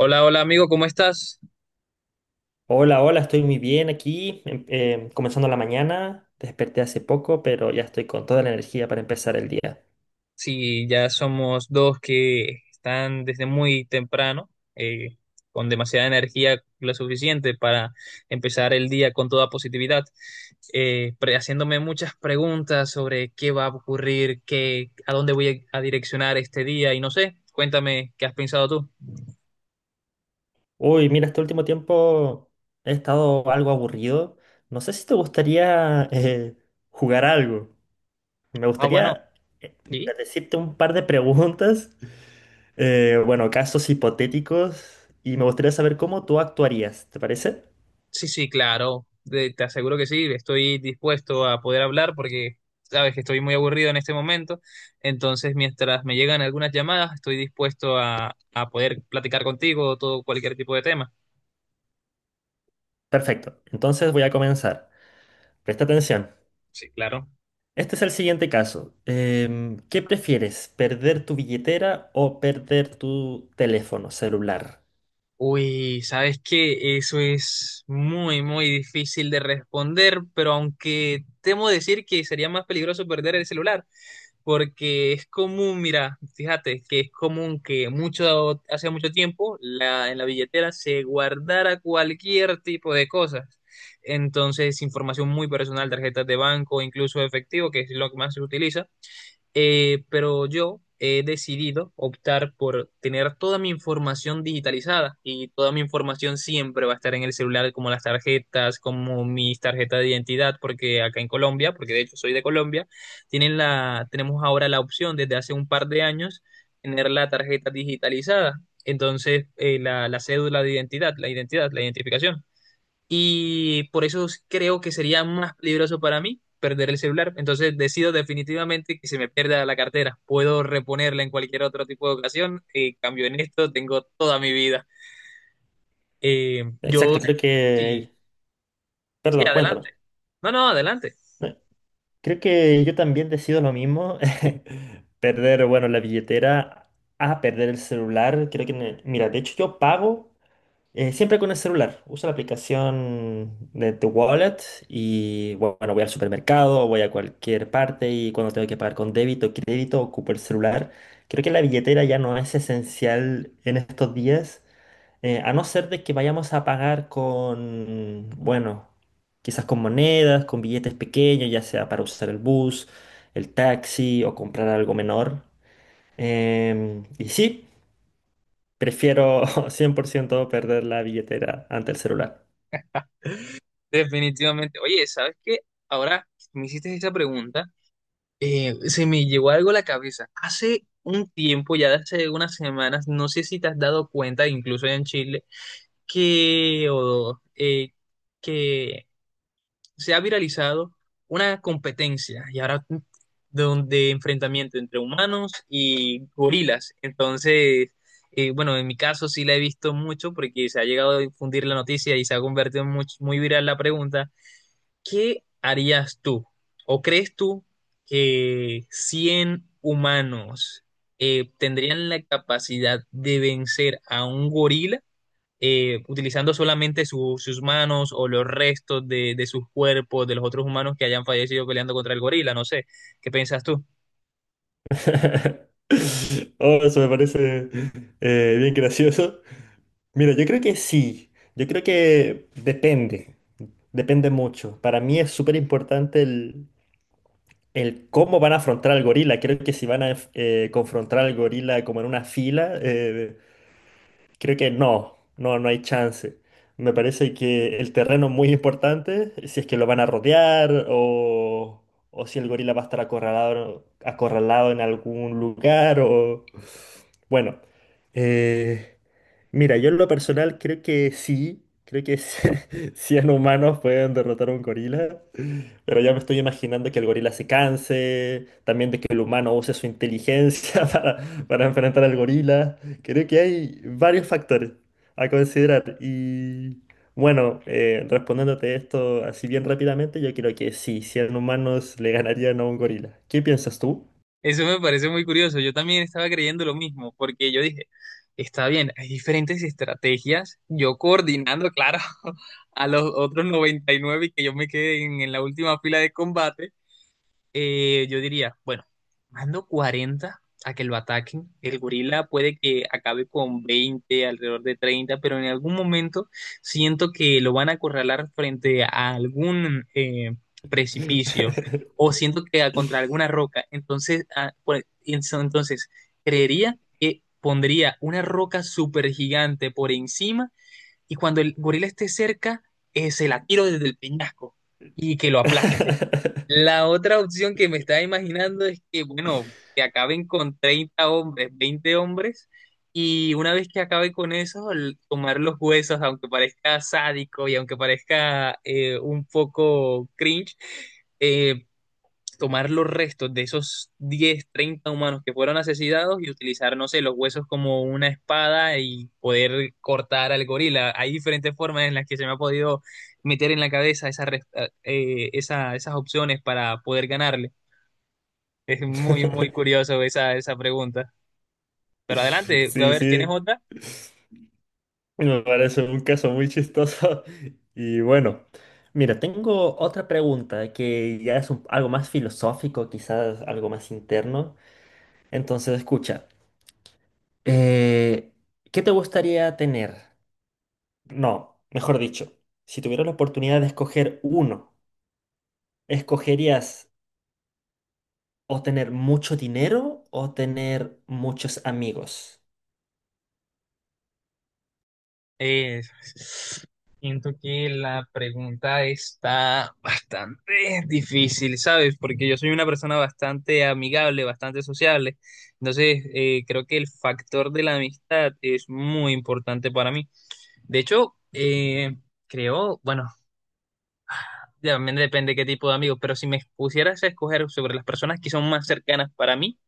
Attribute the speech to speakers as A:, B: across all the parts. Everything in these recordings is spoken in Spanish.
A: Hola, hola amigo, ¿cómo estás?
B: Hola, hola, estoy muy bien aquí, comenzando la mañana, desperté hace poco, pero ya estoy con toda la energía para empezar el día.
A: Sí, ya somos dos que están desde muy temprano, eh, con demasiada energía, lo suficiente para empezar el día con toda positividad, haciéndome muchas preguntas sobre qué va a ocurrir, a dónde voy a direccionar este día y no sé, cuéntame qué has pensado tú.
B: Uy, mira, este último tiempo he estado algo aburrido. No sé si te gustaría jugar algo. Me
A: Ah, bueno,
B: gustaría,
A: sí.
B: mira, decirte un par de preguntas, bueno, casos hipotéticos, y me gustaría saber cómo tú actuarías, ¿te parece?
A: Sí, sí, claro. Te aseguro que sí. Estoy dispuesto a poder hablar porque sabes que estoy muy aburrido en este momento. Entonces, mientras me llegan algunas llamadas, estoy dispuesto a poder platicar contigo todo cualquier tipo de tema.
B: Perfecto, entonces voy a comenzar. Presta atención.
A: Sí, claro.
B: Este es el siguiente caso. ¿Qué prefieres, perder tu billetera o perder tu teléfono celular?
A: Uy, sabes que eso es muy, muy difícil de responder, pero aunque temo decir que sería más peligroso perder el celular. Porque es común, mira, fíjate que es común que mucho, hace mucho tiempo en la billetera se guardara cualquier tipo de cosas. Entonces, información muy personal, tarjetas de banco, incluso efectivo, que es lo que más se utiliza, pero yo he decidido optar por tener toda mi información digitalizada y toda mi información siempre va a estar en el celular, como las tarjetas, como mis tarjetas de identidad, porque acá en Colombia, porque de hecho soy de Colombia, tenemos ahora la opción desde hace un par de años tener la tarjeta digitalizada. Entonces, la cédula de identidad, la identificación y por eso creo que sería más peligroso para mí perder el celular. Entonces decido definitivamente que se me pierda la cartera. Puedo reponerla en cualquier otro tipo de ocasión. Cambio en esto, tengo toda mi vida. Eh, yo,
B: Exacto, creo
A: sí,
B: que...
A: sí,
B: Perdón, cuéntame.
A: adelante. No, no, adelante.
B: Eh, Creo que yo también decido lo mismo. Perder, bueno, la billetera a perder el celular. Creo que... Mira, de hecho yo pago. Siempre con el celular. Uso la aplicación de The Wallet y bueno, voy al supermercado, voy a cualquier parte y cuando tengo que pagar con débito o crédito, ocupo el celular. Creo que la billetera ya no es esencial en estos días, a no ser de que vayamos a pagar con, bueno, quizás con monedas, con billetes pequeños, ya sea para usar el bus, el taxi o comprar algo menor. Y sí. Prefiero 100% perder la billetera ante el celular.
A: Definitivamente. Oye, ¿sabes qué? Ahora me hiciste esa pregunta. Se me llegó algo a la cabeza. Hace un tiempo, ya de hace unas semanas, no sé si te has dado cuenta, incluso en Chile, que, o, eh, que se ha viralizado una competencia y ahora donde enfrentamiento entre humanos y gorilas. Entonces, bueno, en mi caso sí la he visto mucho porque se ha llegado a difundir la noticia y se ha convertido en muy, muy viral la pregunta, ¿qué harías tú? ¿O crees tú que 100 humanos tendrían la capacidad de vencer a un gorila? Utilizando solamente sus manos o los restos de sus cuerpos, de los otros humanos que hayan fallecido peleando contra el gorila, no sé, ¿qué piensas tú?
B: Oh, eso me parece bien gracioso. Mira, yo creo que sí. Yo creo que depende. Depende mucho. Para mí es súper importante el cómo van a afrontar al gorila. Creo que si van a confrontar al gorila como en una fila, creo que no, no, no hay chance. Me parece que el terreno es muy importante, si es que lo van a rodear o si el gorila va a estar acorralado, acorralado en algún lugar o... Bueno, eh, mira, yo en lo personal creo que sí, creo que 100 humanos pueden derrotar a un gorila, pero ya me estoy imaginando que el gorila se canse, también de que el humano use su inteligencia para enfrentar al gorila. Creo que hay varios factores a considerar y bueno, respondiéndote esto así bien rápidamente, yo creo que sí, 100 humanos le ganarían a un gorila. ¿Qué piensas tú?
A: Eso me parece muy curioso, yo también estaba creyendo lo mismo, porque yo dije, está bien, hay diferentes estrategias, yo coordinando, claro, a los otros 99 y que yo me quede en la última fila de combate. Yo diría, bueno, mando 40 a que lo ataquen. El gorila puede que acabe con 20 alrededor de 30, pero en algún momento siento que lo van a acorralar frente a algún precipicio o siento que contra alguna roca. Entonces, entonces, creería que pondría una roca súper gigante por encima y cuando el gorila esté cerca, se la tiro desde el peñasco y que lo aplaste. La otra opción que me estaba imaginando es que, bueno, que acaben con 30 hombres, 20 hombres, y una vez que acabe con eso, tomar los huesos, aunque parezca sádico y aunque parezca un poco cringe, eh, tomar los restos de esos 10 30 humanos que fueron asesinados y utilizar, no sé, los huesos como una espada y poder cortar al gorila. Hay diferentes formas en las que se me ha podido meter en la cabeza esas opciones para poder ganarle. Es muy, muy curioso esa pregunta. Pero adelante, a
B: Sí,
A: ver, ¿tienes
B: sí,
A: otra?
B: me parece un caso muy chistoso. Y bueno, mira, tengo otra pregunta que ya es algo más filosófico, quizás algo más interno. Entonces, escucha. Eh, ¿Qué te gustaría tener? No, mejor dicho, si tuvieras la oportunidad de escoger uno, ¿escogerías o tener mucho dinero o tener muchos amigos?
A: Eh, Siento que la pregunta está bastante difícil, ¿sabes? Porque yo soy una persona bastante amigable, bastante sociable. Entonces, creo que el factor de la amistad es muy importante para mí. De hecho, creo, bueno, también depende qué tipo de amigos, pero si me pusieras a escoger sobre las personas que son más cercanas para mí,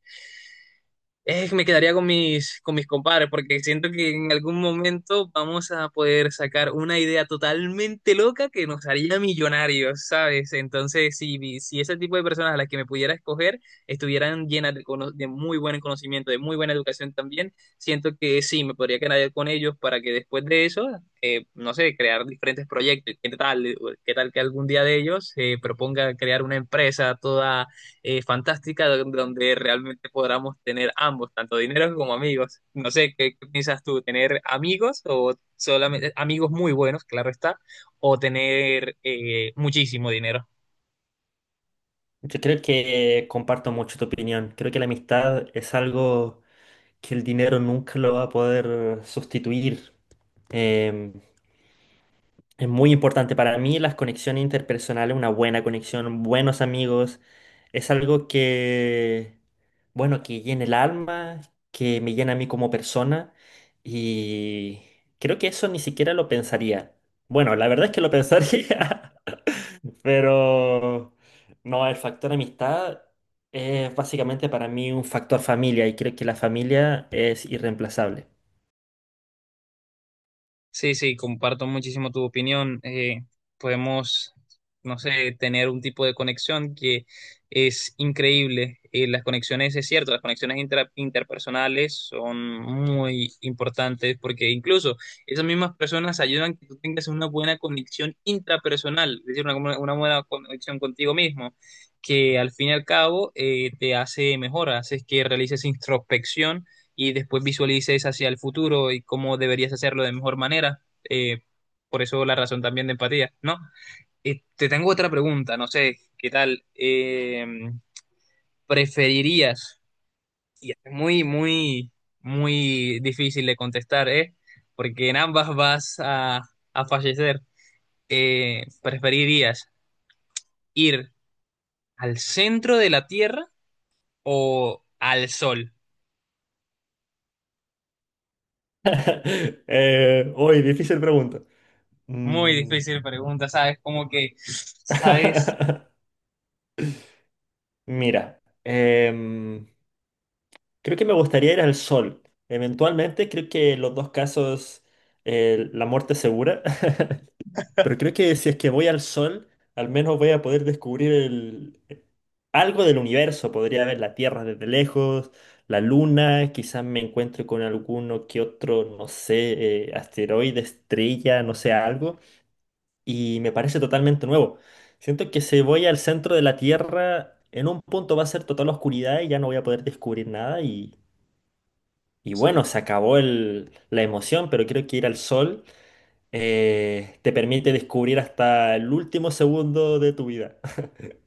A: es que me quedaría con mis compadres, porque siento que en algún momento vamos a poder sacar una idea totalmente loca que nos haría millonarios, ¿sabes? Entonces, si ese tipo de personas a las que me pudiera escoger estuvieran llenas de muy buen conocimiento, de muy buena educación también, siento que sí, me podría quedar con ellos para que después de eso, no sé, crear diferentes proyectos. ¿Qué tal que algún día de ellos se proponga crear una empresa toda fantástica donde realmente podamos tener ambos, tanto dinero como amigos. No sé, ¿qué piensas tú? ¿Tener amigos o solamente amigos muy buenos, claro está, o tener muchísimo dinero?
B: Yo creo que comparto mucho tu opinión. Creo que la amistad es algo que el dinero nunca lo va a poder sustituir. Em, Es muy importante para mí las conexiones interpersonales, una buena conexión, buenos amigos. Es algo que, bueno, que llena el alma, que me llena a mí como persona. Y creo que eso ni siquiera lo pensaría. Bueno, la verdad es que lo pensaría, pero no, el factor amistad es básicamente para mí un factor familia y creo que la familia es irreemplazable.
A: Sí, sí, comparto muchísimo tu opinión. Podemos, no sé, tener un tipo de conexión que es increíble. Las conexiones, es cierto, las conexiones interpersonales son muy importantes porque incluso esas mismas personas ayudan que tú tengas una buena conexión intrapersonal, es decir, una buena conexión contigo mismo, que al fin y al cabo, te hace mejor, haces que realices introspección y después visualices hacia el futuro y cómo deberías hacerlo de mejor manera. Eh, por eso la razón también de empatía, ¿no? Te tengo otra pregunta, no sé, ¿qué tal? ¿Preferirías? Y es muy, muy, muy difícil de contestar, ¿eh? Porque en ambas vas a fallecer. ¿Preferirías ir al centro de la Tierra o al Sol?
B: Uy, difícil pregunta.
A: Muy
B: Mm.
A: difícil pregunta, ¿sabes? Como que, ¿sabes?
B: Mira, creo que me gustaría ir al sol. Eventualmente, creo que los dos casos, la muerte es segura. Pero creo que si es que voy al sol, al menos voy a poder descubrir algo del universo. Podría ver la Tierra desde lejos, la Luna, quizás me encuentre con alguno que otro, no sé, asteroide, estrella, no sé, algo. Y me parece totalmente nuevo. Siento que si voy al centro de la Tierra, en un punto va a ser total oscuridad y ya no voy a poder descubrir nada y
A: Sí.
B: bueno, se acabó la emoción, pero creo que ir al sol te permite descubrir hasta el último segundo de tu vida.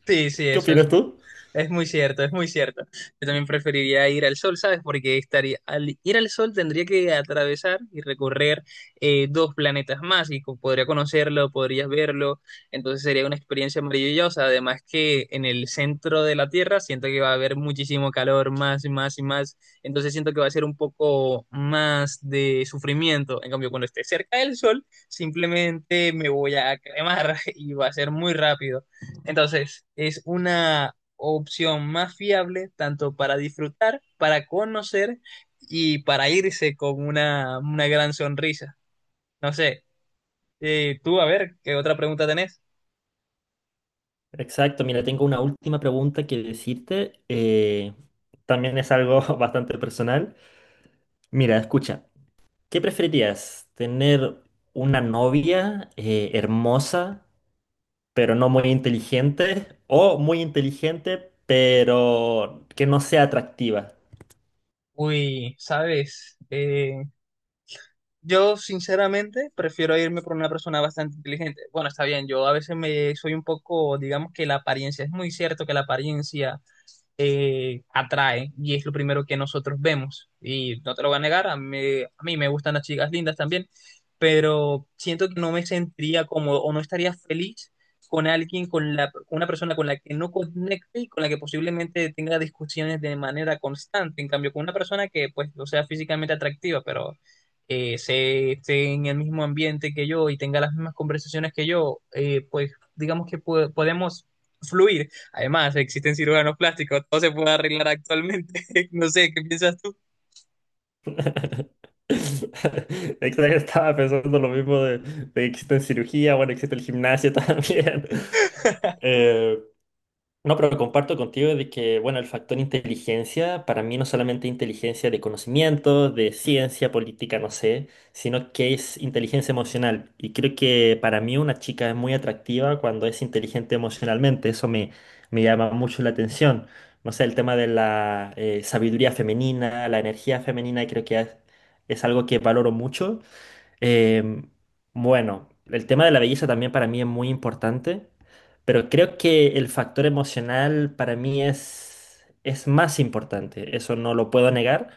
A: Sí, sí,
B: ¿Qué
A: eso es
B: opinas tú?
A: es muy cierto, es muy cierto. Yo también preferiría ir al sol, ¿sabes? Porque estaría, al ir al sol tendría que atravesar y recorrer dos planetas más y podría conocerlo, podrías verlo. Entonces sería una experiencia maravillosa. Además que en el centro de la Tierra siento que va a haber muchísimo calor, más y más y más. Entonces siento que va a ser un poco más de sufrimiento. En cambio, cuando esté cerca del sol, simplemente me voy a cremar y va a ser muy rápido. Entonces, es una opción más fiable tanto para disfrutar, para conocer y para irse con una gran sonrisa. No sé, tú a ver, ¿qué otra pregunta tenés?
B: Exacto, mira, tengo una última pregunta que decirte. También es algo bastante personal. Mira, escucha, ¿qué preferirías? ¿Tener una novia hermosa pero no muy inteligente, o muy inteligente, pero que no sea atractiva?
A: Uy, sabes, yo sinceramente prefiero irme por una persona bastante inteligente. Bueno, está bien, yo a veces me soy un poco, digamos que la apariencia, es muy cierto que la apariencia atrae y es lo primero que nosotros vemos. Y no te lo voy a negar, a mí me gustan las chicas lindas también, pero siento que no me sentiría cómodo o no estaría feliz con alguien, con una persona con la que no conecte y con la que posiblemente tenga discusiones de manera constante. En cambio, con una persona que pues no sea físicamente atractiva, pero se esté en el mismo ambiente que yo y tenga las mismas conversaciones que yo, pues digamos que podemos fluir. Además, existen cirujanos plásticos, todo se puede arreglar actualmente. No sé, ¿qué piensas tú?
B: Exacto, estaba pensando lo mismo de que existe en cirugía, bueno, existe el gimnasio también. Eh, No, pero comparto contigo de que, bueno, el factor inteligencia, para mí no solamente inteligencia de conocimiento, de ciencia, política, no sé, sino que es inteligencia emocional. Y creo que para mí una chica es muy atractiva cuando es inteligente emocionalmente, me llama mucho la atención. No sé, el tema de la sabiduría femenina, la energía femenina, creo que es algo que valoro mucho. Em, bueno, el tema de la belleza también para mí es muy importante, pero creo que el factor emocional para mí es más importante, eso no lo puedo negar.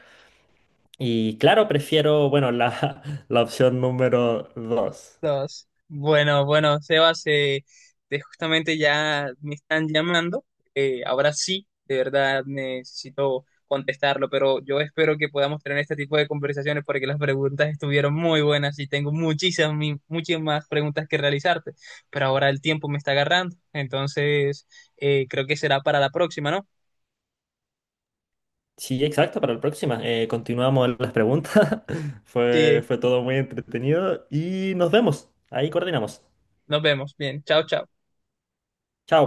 B: Y claro, prefiero, bueno, la, la opción número dos.
A: Dos. Bueno, bueno, Sebas, justamente ya me están llamando. Ahora sí, de verdad necesito contestarlo, pero yo espero que podamos tener este tipo de conversaciones porque las preguntas estuvieron muy buenas y tengo muchísimas, muchas más preguntas que realizarte, pero ahora el tiempo me está agarrando, entonces creo que será para la próxima, ¿no?
B: Sí, exacto, para la próxima. Continuamos las preguntas.
A: Sí,
B: Fue todo muy entretenido y nos vemos. Ahí coordinamos.
A: nos vemos. Bien, chao, chao.
B: Chao.